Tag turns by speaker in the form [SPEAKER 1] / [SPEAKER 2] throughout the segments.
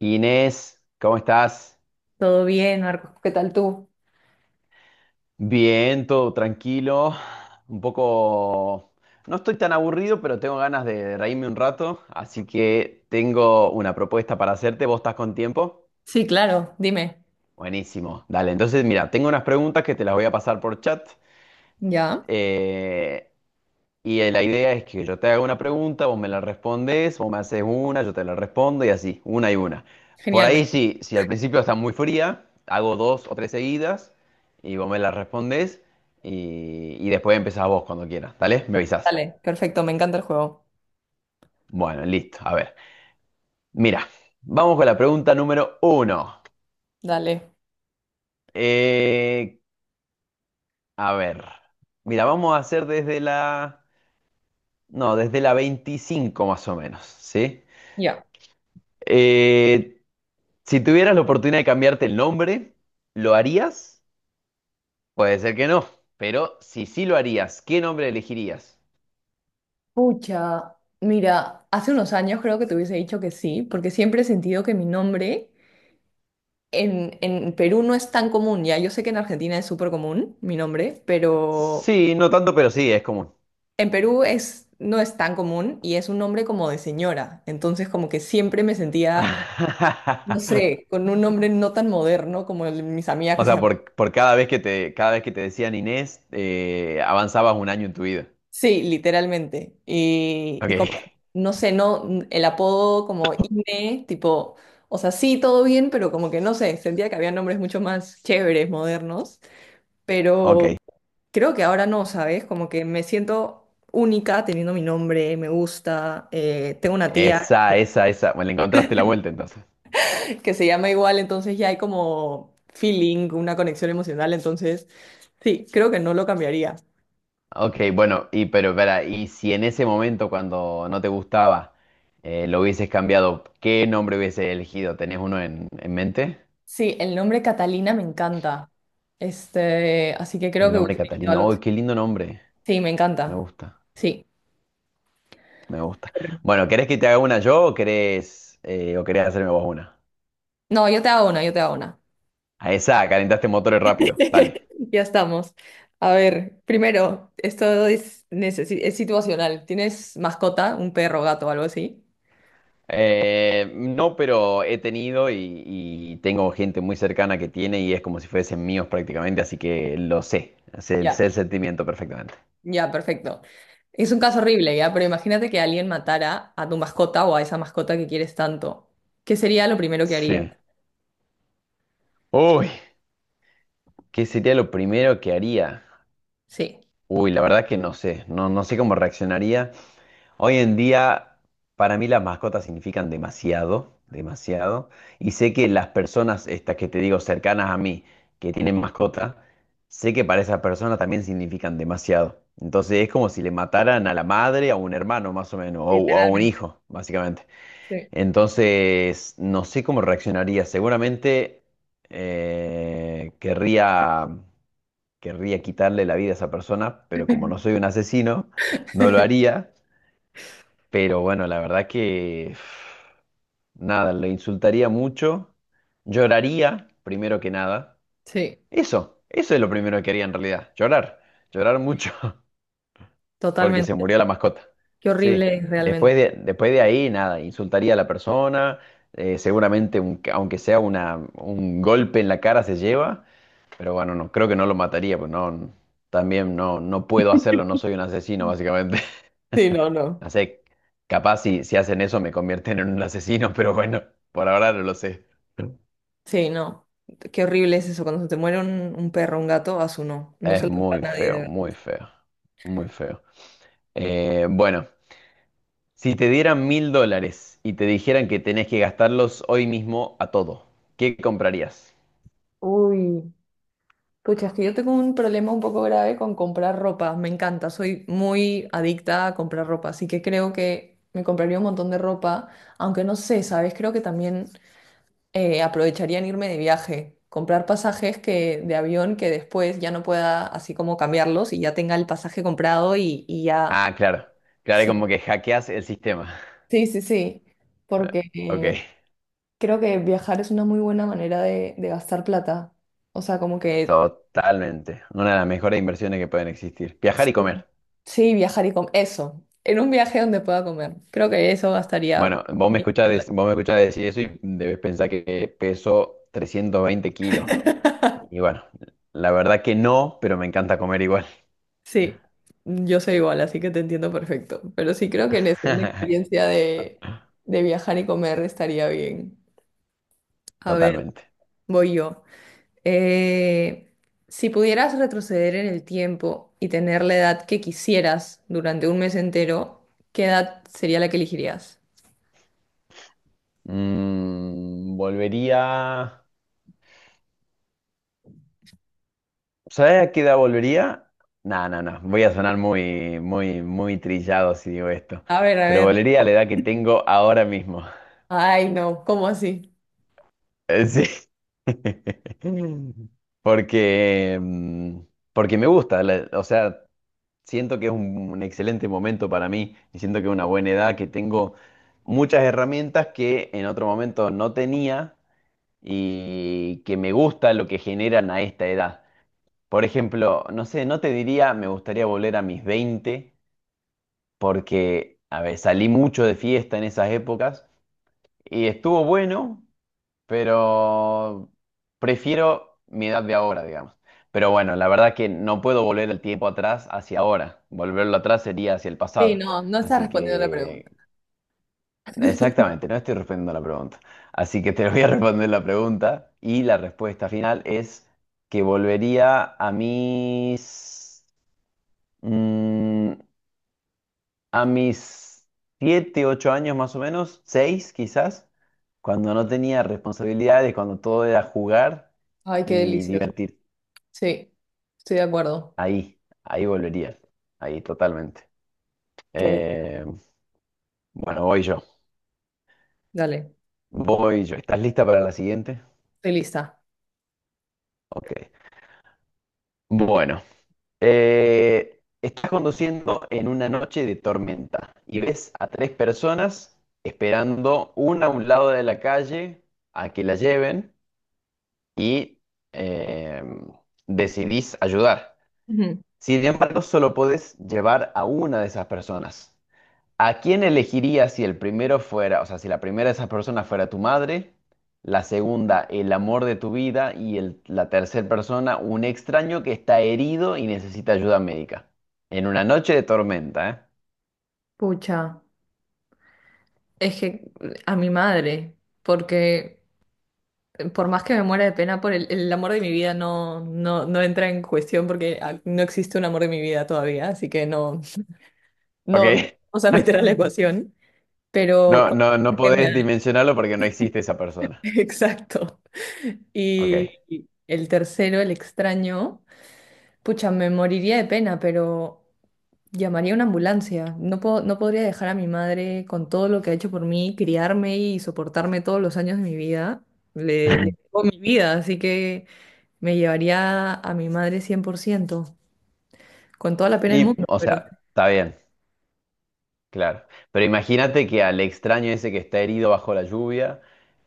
[SPEAKER 1] Inés, ¿cómo estás?
[SPEAKER 2] Todo bien, Marcos, ¿qué tal tú?
[SPEAKER 1] Bien, todo tranquilo. Un poco. No estoy tan aburrido, pero tengo ganas de reírme un rato, así que tengo una propuesta para hacerte. ¿Vos estás con tiempo?
[SPEAKER 2] Sí, claro, dime.
[SPEAKER 1] Buenísimo. Dale, entonces mira, tengo unas preguntas que te las voy a pasar por chat.
[SPEAKER 2] Ya.
[SPEAKER 1] Eh, Y la idea es que yo te haga una pregunta, vos me la respondes, vos me haces una, yo te la respondo y así, una y una. Por
[SPEAKER 2] Genial,
[SPEAKER 1] ahí sí, si al principio está muy fría, hago dos o tres seguidas y vos me la respondes y después empezás vos cuando quieras, ¿dale? Me avisás.
[SPEAKER 2] dale, perfecto, me encanta el juego.
[SPEAKER 1] Bueno, listo, a ver. Mira, vamos con la pregunta número uno.
[SPEAKER 2] Dale,
[SPEAKER 1] Eh, a ver, mira, vamos a hacer desde la, no, desde la 25 más o menos, ¿sí?
[SPEAKER 2] ya.
[SPEAKER 1] Eh, Si tuvieras la oportunidad de cambiarte el nombre, ¿lo harías? Puede ser que no, pero si sí lo harías, ¿qué nombre elegirías?
[SPEAKER 2] Pucha, mira, hace unos años creo que te hubiese dicho que sí, porque siempre he sentido que mi nombre en Perú no es tan común, ya. Yo sé que en Argentina es súper común mi nombre, pero
[SPEAKER 1] Sí, no tanto, pero sí, es común.
[SPEAKER 2] en Perú es, no es tan común y es un nombre como de señora. Entonces como que siempre me sentía, no sé, con un nombre no tan moderno como el, mis amigas
[SPEAKER 1] O
[SPEAKER 2] que se
[SPEAKER 1] sea, por cada vez que te decían Inés, avanzabas un año en tu vida.
[SPEAKER 2] sí, literalmente. Y como,
[SPEAKER 1] Ok,
[SPEAKER 2] no sé, no, el apodo como INE, tipo, o sea, sí, todo bien, pero como que no sé, sentía que había nombres mucho más chéveres, modernos, pero
[SPEAKER 1] ok.
[SPEAKER 2] creo que ahora no, ¿sabes? Como que me siento única teniendo mi nombre, me gusta, tengo una tía
[SPEAKER 1] Esa, esa, esa. Bueno, le encontraste la vuelta entonces.
[SPEAKER 2] que se llama igual, entonces ya hay como feeling, una conexión emocional, entonces sí, creo que no lo cambiaría.
[SPEAKER 1] Ok, bueno, y pero espera, y si en ese momento cuando no te gustaba, lo hubieses cambiado, ¿qué nombre hubieses elegido? ¿Tenés uno en mente?
[SPEAKER 2] Sí, el nombre Catalina me encanta. Este, así que creo
[SPEAKER 1] El
[SPEAKER 2] que
[SPEAKER 1] nombre
[SPEAKER 2] hubiese elegido
[SPEAKER 1] Catalina.
[SPEAKER 2] algo así.
[SPEAKER 1] Uy, qué lindo nombre.
[SPEAKER 2] Sí, me
[SPEAKER 1] Me
[SPEAKER 2] encanta.
[SPEAKER 1] gusta,
[SPEAKER 2] Sí.
[SPEAKER 1] me gusta. Bueno, ¿querés que te haga una yo o querés hacerme vos una?
[SPEAKER 2] No, yo te hago una, yo te hago una.
[SPEAKER 1] A esa, calentaste motores rápido. Dale.
[SPEAKER 2] Ya estamos. A ver, primero, esto es, es situacional. ¿Tienes mascota, un perro, gato, algo así?
[SPEAKER 1] No, pero he tenido y tengo gente muy cercana que tiene y es como si fuesen míos prácticamente, así que lo sé. Sé,
[SPEAKER 2] Ya,
[SPEAKER 1] sé el sentimiento perfectamente.
[SPEAKER 2] ya, perfecto. Es un caso horrible, ya, pero imagínate que alguien matara a tu mascota o a esa mascota que quieres tanto. ¿Qué sería lo primero que harías?
[SPEAKER 1] Sí. Uy, ¿qué sería lo primero que haría?
[SPEAKER 2] Sí.
[SPEAKER 1] Uy, la verdad que no sé. No, no sé cómo reaccionaría. Hoy en día, para mí las mascotas significan demasiado, demasiado. Y sé que las personas, estas que te digo, cercanas a mí, que tienen mascota, sé que para esas personas también significan demasiado. Entonces es como si le mataran a la madre, a un hermano más o menos, o a un
[SPEAKER 2] Literalmente.
[SPEAKER 1] hijo, básicamente.
[SPEAKER 2] Sí.
[SPEAKER 1] Entonces, no sé cómo reaccionaría. Seguramente eh, querría, querría quitarle la vida a esa persona, pero como no soy un asesino, no lo haría. Pero bueno, la verdad que nada, lo insultaría mucho, lloraría primero que nada.
[SPEAKER 2] Sí,
[SPEAKER 1] Eso es lo primero que haría en realidad, llorar, llorar mucho, porque se
[SPEAKER 2] totalmente.
[SPEAKER 1] murió la mascota.
[SPEAKER 2] Qué
[SPEAKER 1] Sí,
[SPEAKER 2] horrible es realmente.
[SPEAKER 1] después de ahí nada, insultaría a la persona, seguramente aunque sea un golpe en la cara se lleva, pero bueno, no, creo que no lo mataría, pues no, también no, no puedo hacerlo, no soy un asesino básicamente.
[SPEAKER 2] Sí, no, no.
[SPEAKER 1] No sé, capaz si hacen eso me convierten en un asesino, pero bueno, por ahora no lo sé.
[SPEAKER 2] Sí, no. Qué horrible es eso. Cuando se te muere un perro, un gato, a su no. No
[SPEAKER 1] Es
[SPEAKER 2] se lo da a
[SPEAKER 1] muy
[SPEAKER 2] nadie de
[SPEAKER 1] feo, muy
[SPEAKER 2] verdad.
[SPEAKER 1] feo, muy feo. Bueno, si te dieran 1.000 dólares y te dijeran que tenés que gastarlos hoy mismo a todo, ¿qué comprarías?
[SPEAKER 2] Uy, pucha, es que yo tengo un problema un poco grave con comprar ropa. Me encanta, soy muy adicta a comprar ropa, así que creo que me compraría un montón de ropa, aunque no sé, ¿sabes? Creo que también aprovecharía en irme de viaje, comprar pasajes que, de avión que después ya no pueda así como cambiarlos y ya tenga el pasaje comprado y ya.
[SPEAKER 1] Ah, claro, claro, es como que hackeas el sistema.
[SPEAKER 2] Sí, sí, sí,
[SPEAKER 1] Eh,
[SPEAKER 2] porque
[SPEAKER 1] Ok,
[SPEAKER 2] creo que viajar es una muy buena manera de gastar plata. O sea, como que
[SPEAKER 1] totalmente. Una de las mejores inversiones que pueden existir. Viajar
[SPEAKER 2] sí,
[SPEAKER 1] y comer.
[SPEAKER 2] sí, viajar y comer. Eso, en un viaje donde pueda comer. Creo que eso gastaría.
[SPEAKER 1] Bueno,
[SPEAKER 2] Mi-
[SPEAKER 1] vos me escuchás decir eso y debes pensar que peso 320 kilos. Y bueno, la verdad que no, pero me encanta comer igual.
[SPEAKER 2] Sí, yo soy igual, así que te entiendo perfecto. Pero sí creo que en eso, una experiencia de viajar y comer estaría bien. A ver,
[SPEAKER 1] Totalmente.
[SPEAKER 2] voy yo. Eh, si pudieras retroceder en el tiempo y tener la edad que quisieras durante un mes entero, ¿qué edad sería la que elegirías?
[SPEAKER 1] Volvería. ¿Sabes a qué edad volvería? No, no, no. Voy a sonar muy, muy, muy trillado si digo esto.
[SPEAKER 2] A ver, a
[SPEAKER 1] Pero
[SPEAKER 2] ver.
[SPEAKER 1] volvería a la edad que tengo ahora mismo.
[SPEAKER 2] Ay, no, ¿cómo así?
[SPEAKER 1] Sí. Porque, mm, Porque me gusta. O sea, siento que es un excelente momento para mí y siento que es una buena edad, que tengo muchas herramientas que en otro momento no tenía y que me gusta lo que generan a esta edad. Por ejemplo, no sé, no te diría me gustaría volver a mis 20 porque, a ver, salí mucho de fiesta en esas épocas y estuvo bueno, pero prefiero mi edad de ahora, digamos. Pero bueno, la verdad que no puedo volver el tiempo atrás hacia ahora. Volverlo atrás sería hacia el
[SPEAKER 2] Sí,
[SPEAKER 1] pasado.
[SPEAKER 2] no, no estás
[SPEAKER 1] Así
[SPEAKER 2] respondiendo la pregunta.
[SPEAKER 1] que, exactamente, no estoy respondiendo la pregunta. Así que te voy a responder la pregunta y la respuesta final es que volvería a mm, a mis 7, 8 años más o menos, 6 quizás, cuando no tenía responsabilidades, cuando todo era jugar
[SPEAKER 2] Ay, qué
[SPEAKER 1] y
[SPEAKER 2] delicioso.
[SPEAKER 1] divertir.
[SPEAKER 2] Sí, estoy de acuerdo.
[SPEAKER 1] Ahí, ahí volvería, ahí totalmente.
[SPEAKER 2] ¿Qué?
[SPEAKER 1] Eh, bueno, voy yo,
[SPEAKER 2] Dale,
[SPEAKER 1] voy yo. ¿Estás lista para la siguiente?
[SPEAKER 2] estoy lista.
[SPEAKER 1] Ok. Bueno, estás conduciendo en una noche de tormenta y ves a tres personas esperando una a un lado de la calle a que la lleven y, eh, decidís ayudar.
[SPEAKER 2] Ujú.
[SPEAKER 1] Sin embargo, solo podés llevar a una de esas personas. ¿A quién elegirías si el primero fuera, o sea, si la primera de esas personas fuera tu madre, la segunda, el amor de tu vida y la tercera persona, un extraño que está herido y necesita ayuda médica? En una noche de tormenta,
[SPEAKER 2] Pucha, es que a mi madre, porque por más que me muera de pena por el amor de mi vida, no, no, no entra en cuestión porque ah, no existe un amor de mi vida todavía, así que no, no, no
[SPEAKER 1] ¿eh?
[SPEAKER 2] vamos a
[SPEAKER 1] Ok.
[SPEAKER 2] meter a la ecuación.
[SPEAKER 1] No,
[SPEAKER 2] Pero
[SPEAKER 1] no, no
[SPEAKER 2] con- que me
[SPEAKER 1] podés
[SPEAKER 2] da-
[SPEAKER 1] dimensionarlo porque no existe esa persona.
[SPEAKER 2] Exacto. Y
[SPEAKER 1] Ok.
[SPEAKER 2] el tercero, el extraño, pucha, me moriría de pena, pero llamaría a una ambulancia. No puedo, no podría dejar a mi madre con todo lo que ha hecho por mí, criarme y soportarme todos los años de mi vida. Le debo mi vida, así que me llevaría a mi madre 100% con toda la pena del
[SPEAKER 1] Y,
[SPEAKER 2] mundo,
[SPEAKER 1] o
[SPEAKER 2] pero
[SPEAKER 1] sea, está bien. Claro, pero imagínate que al extraño ese que está herido bajo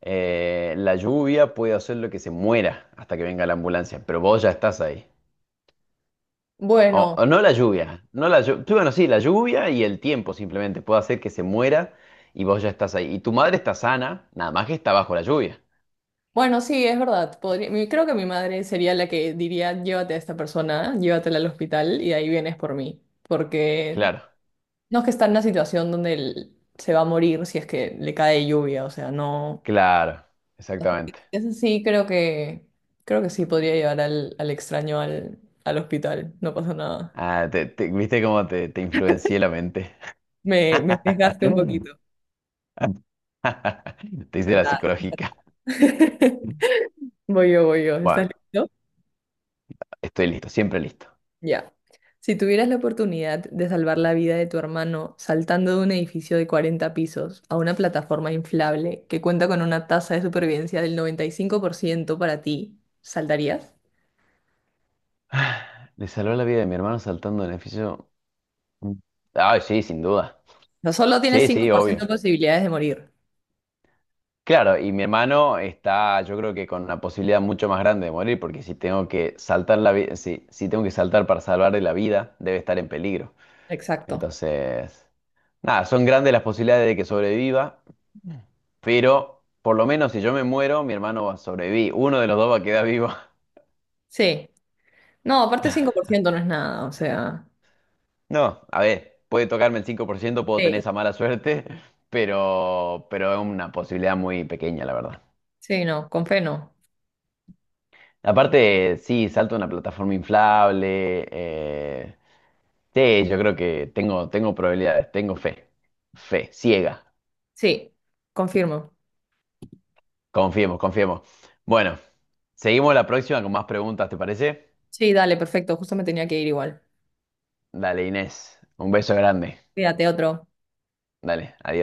[SPEAKER 1] la lluvia puede hacerlo que se muera hasta que venga la ambulancia, pero vos ya estás ahí. O,
[SPEAKER 2] bueno,
[SPEAKER 1] o no la lluvia, no la lluvia, bueno, sí, la lluvia y el tiempo simplemente puede hacer que se muera y vos ya estás ahí. Y tu madre está sana, nada más que está bajo la lluvia.
[SPEAKER 2] bueno, sí, es verdad. Podría- mi- creo que mi madre sería la que diría, llévate a esta persona, llévatela al hospital y ahí vienes por mí. Porque
[SPEAKER 1] Claro,
[SPEAKER 2] no es que está en una situación donde él se va a morir si es que le cae lluvia, o sea, no.
[SPEAKER 1] claro,
[SPEAKER 2] Así que
[SPEAKER 1] exactamente.
[SPEAKER 2] eso sí, creo que sí podría llevar al, al extraño al, al hospital, no pasa nada.
[SPEAKER 1] Ah, ¿viste cómo te influencié la mente?
[SPEAKER 2] Me desgaste un poquito.
[SPEAKER 1] Te hice
[SPEAKER 2] Pero
[SPEAKER 1] la
[SPEAKER 2] nada.
[SPEAKER 1] psicológica.
[SPEAKER 2] Voy yo, voy yo.
[SPEAKER 1] Bueno,
[SPEAKER 2] ¿Estás listo?
[SPEAKER 1] estoy listo, siempre listo.
[SPEAKER 2] Ya. Si tuvieras la oportunidad de salvar la vida de tu hermano saltando de un edificio de 40 pisos a una plataforma inflable que cuenta con una tasa de supervivencia del 95% para ti, ¿saltarías?
[SPEAKER 1] Le salvó la vida de mi hermano saltando del edificio. Mm. Ay, sí, sin duda.
[SPEAKER 2] No, solo tienes
[SPEAKER 1] Sí,
[SPEAKER 2] cinco
[SPEAKER 1] sí,
[SPEAKER 2] por ciento
[SPEAKER 1] obvio.
[SPEAKER 2] de posibilidades de morir.
[SPEAKER 1] Claro, y mi hermano está, yo creo que con una posibilidad mucho más grande de morir, porque si tengo que saltar la vida, si tengo que saltar para salvarle la vida, debe estar en peligro.
[SPEAKER 2] Exacto.
[SPEAKER 1] Entonces, nada, son grandes las posibilidades de que sobreviva, pero por lo menos si yo me muero, mi hermano va a sobrevivir. Uno de los dos va a quedar vivo.
[SPEAKER 2] Sí. No, aparte 5% no es nada, o sea.
[SPEAKER 1] No, a ver, puede tocarme el 5%, puedo tener
[SPEAKER 2] Sí,
[SPEAKER 1] esa mala suerte, pero es una posibilidad muy pequeña, la verdad.
[SPEAKER 2] sí, no, con fe no.
[SPEAKER 1] Aparte, sí, salto a una plataforma inflable. Sí, yo creo que tengo, probabilidades, tengo fe. Fe, ciega.
[SPEAKER 2] Sí, confirmo.
[SPEAKER 1] Confiemos, confiemos. Bueno, seguimos la próxima con más preguntas, ¿te parece?
[SPEAKER 2] Sí, dale, perfecto, justo me tenía que ir igual.
[SPEAKER 1] Dale, Inés, un beso grande.
[SPEAKER 2] Cuídate, otro.
[SPEAKER 1] Dale, adiós.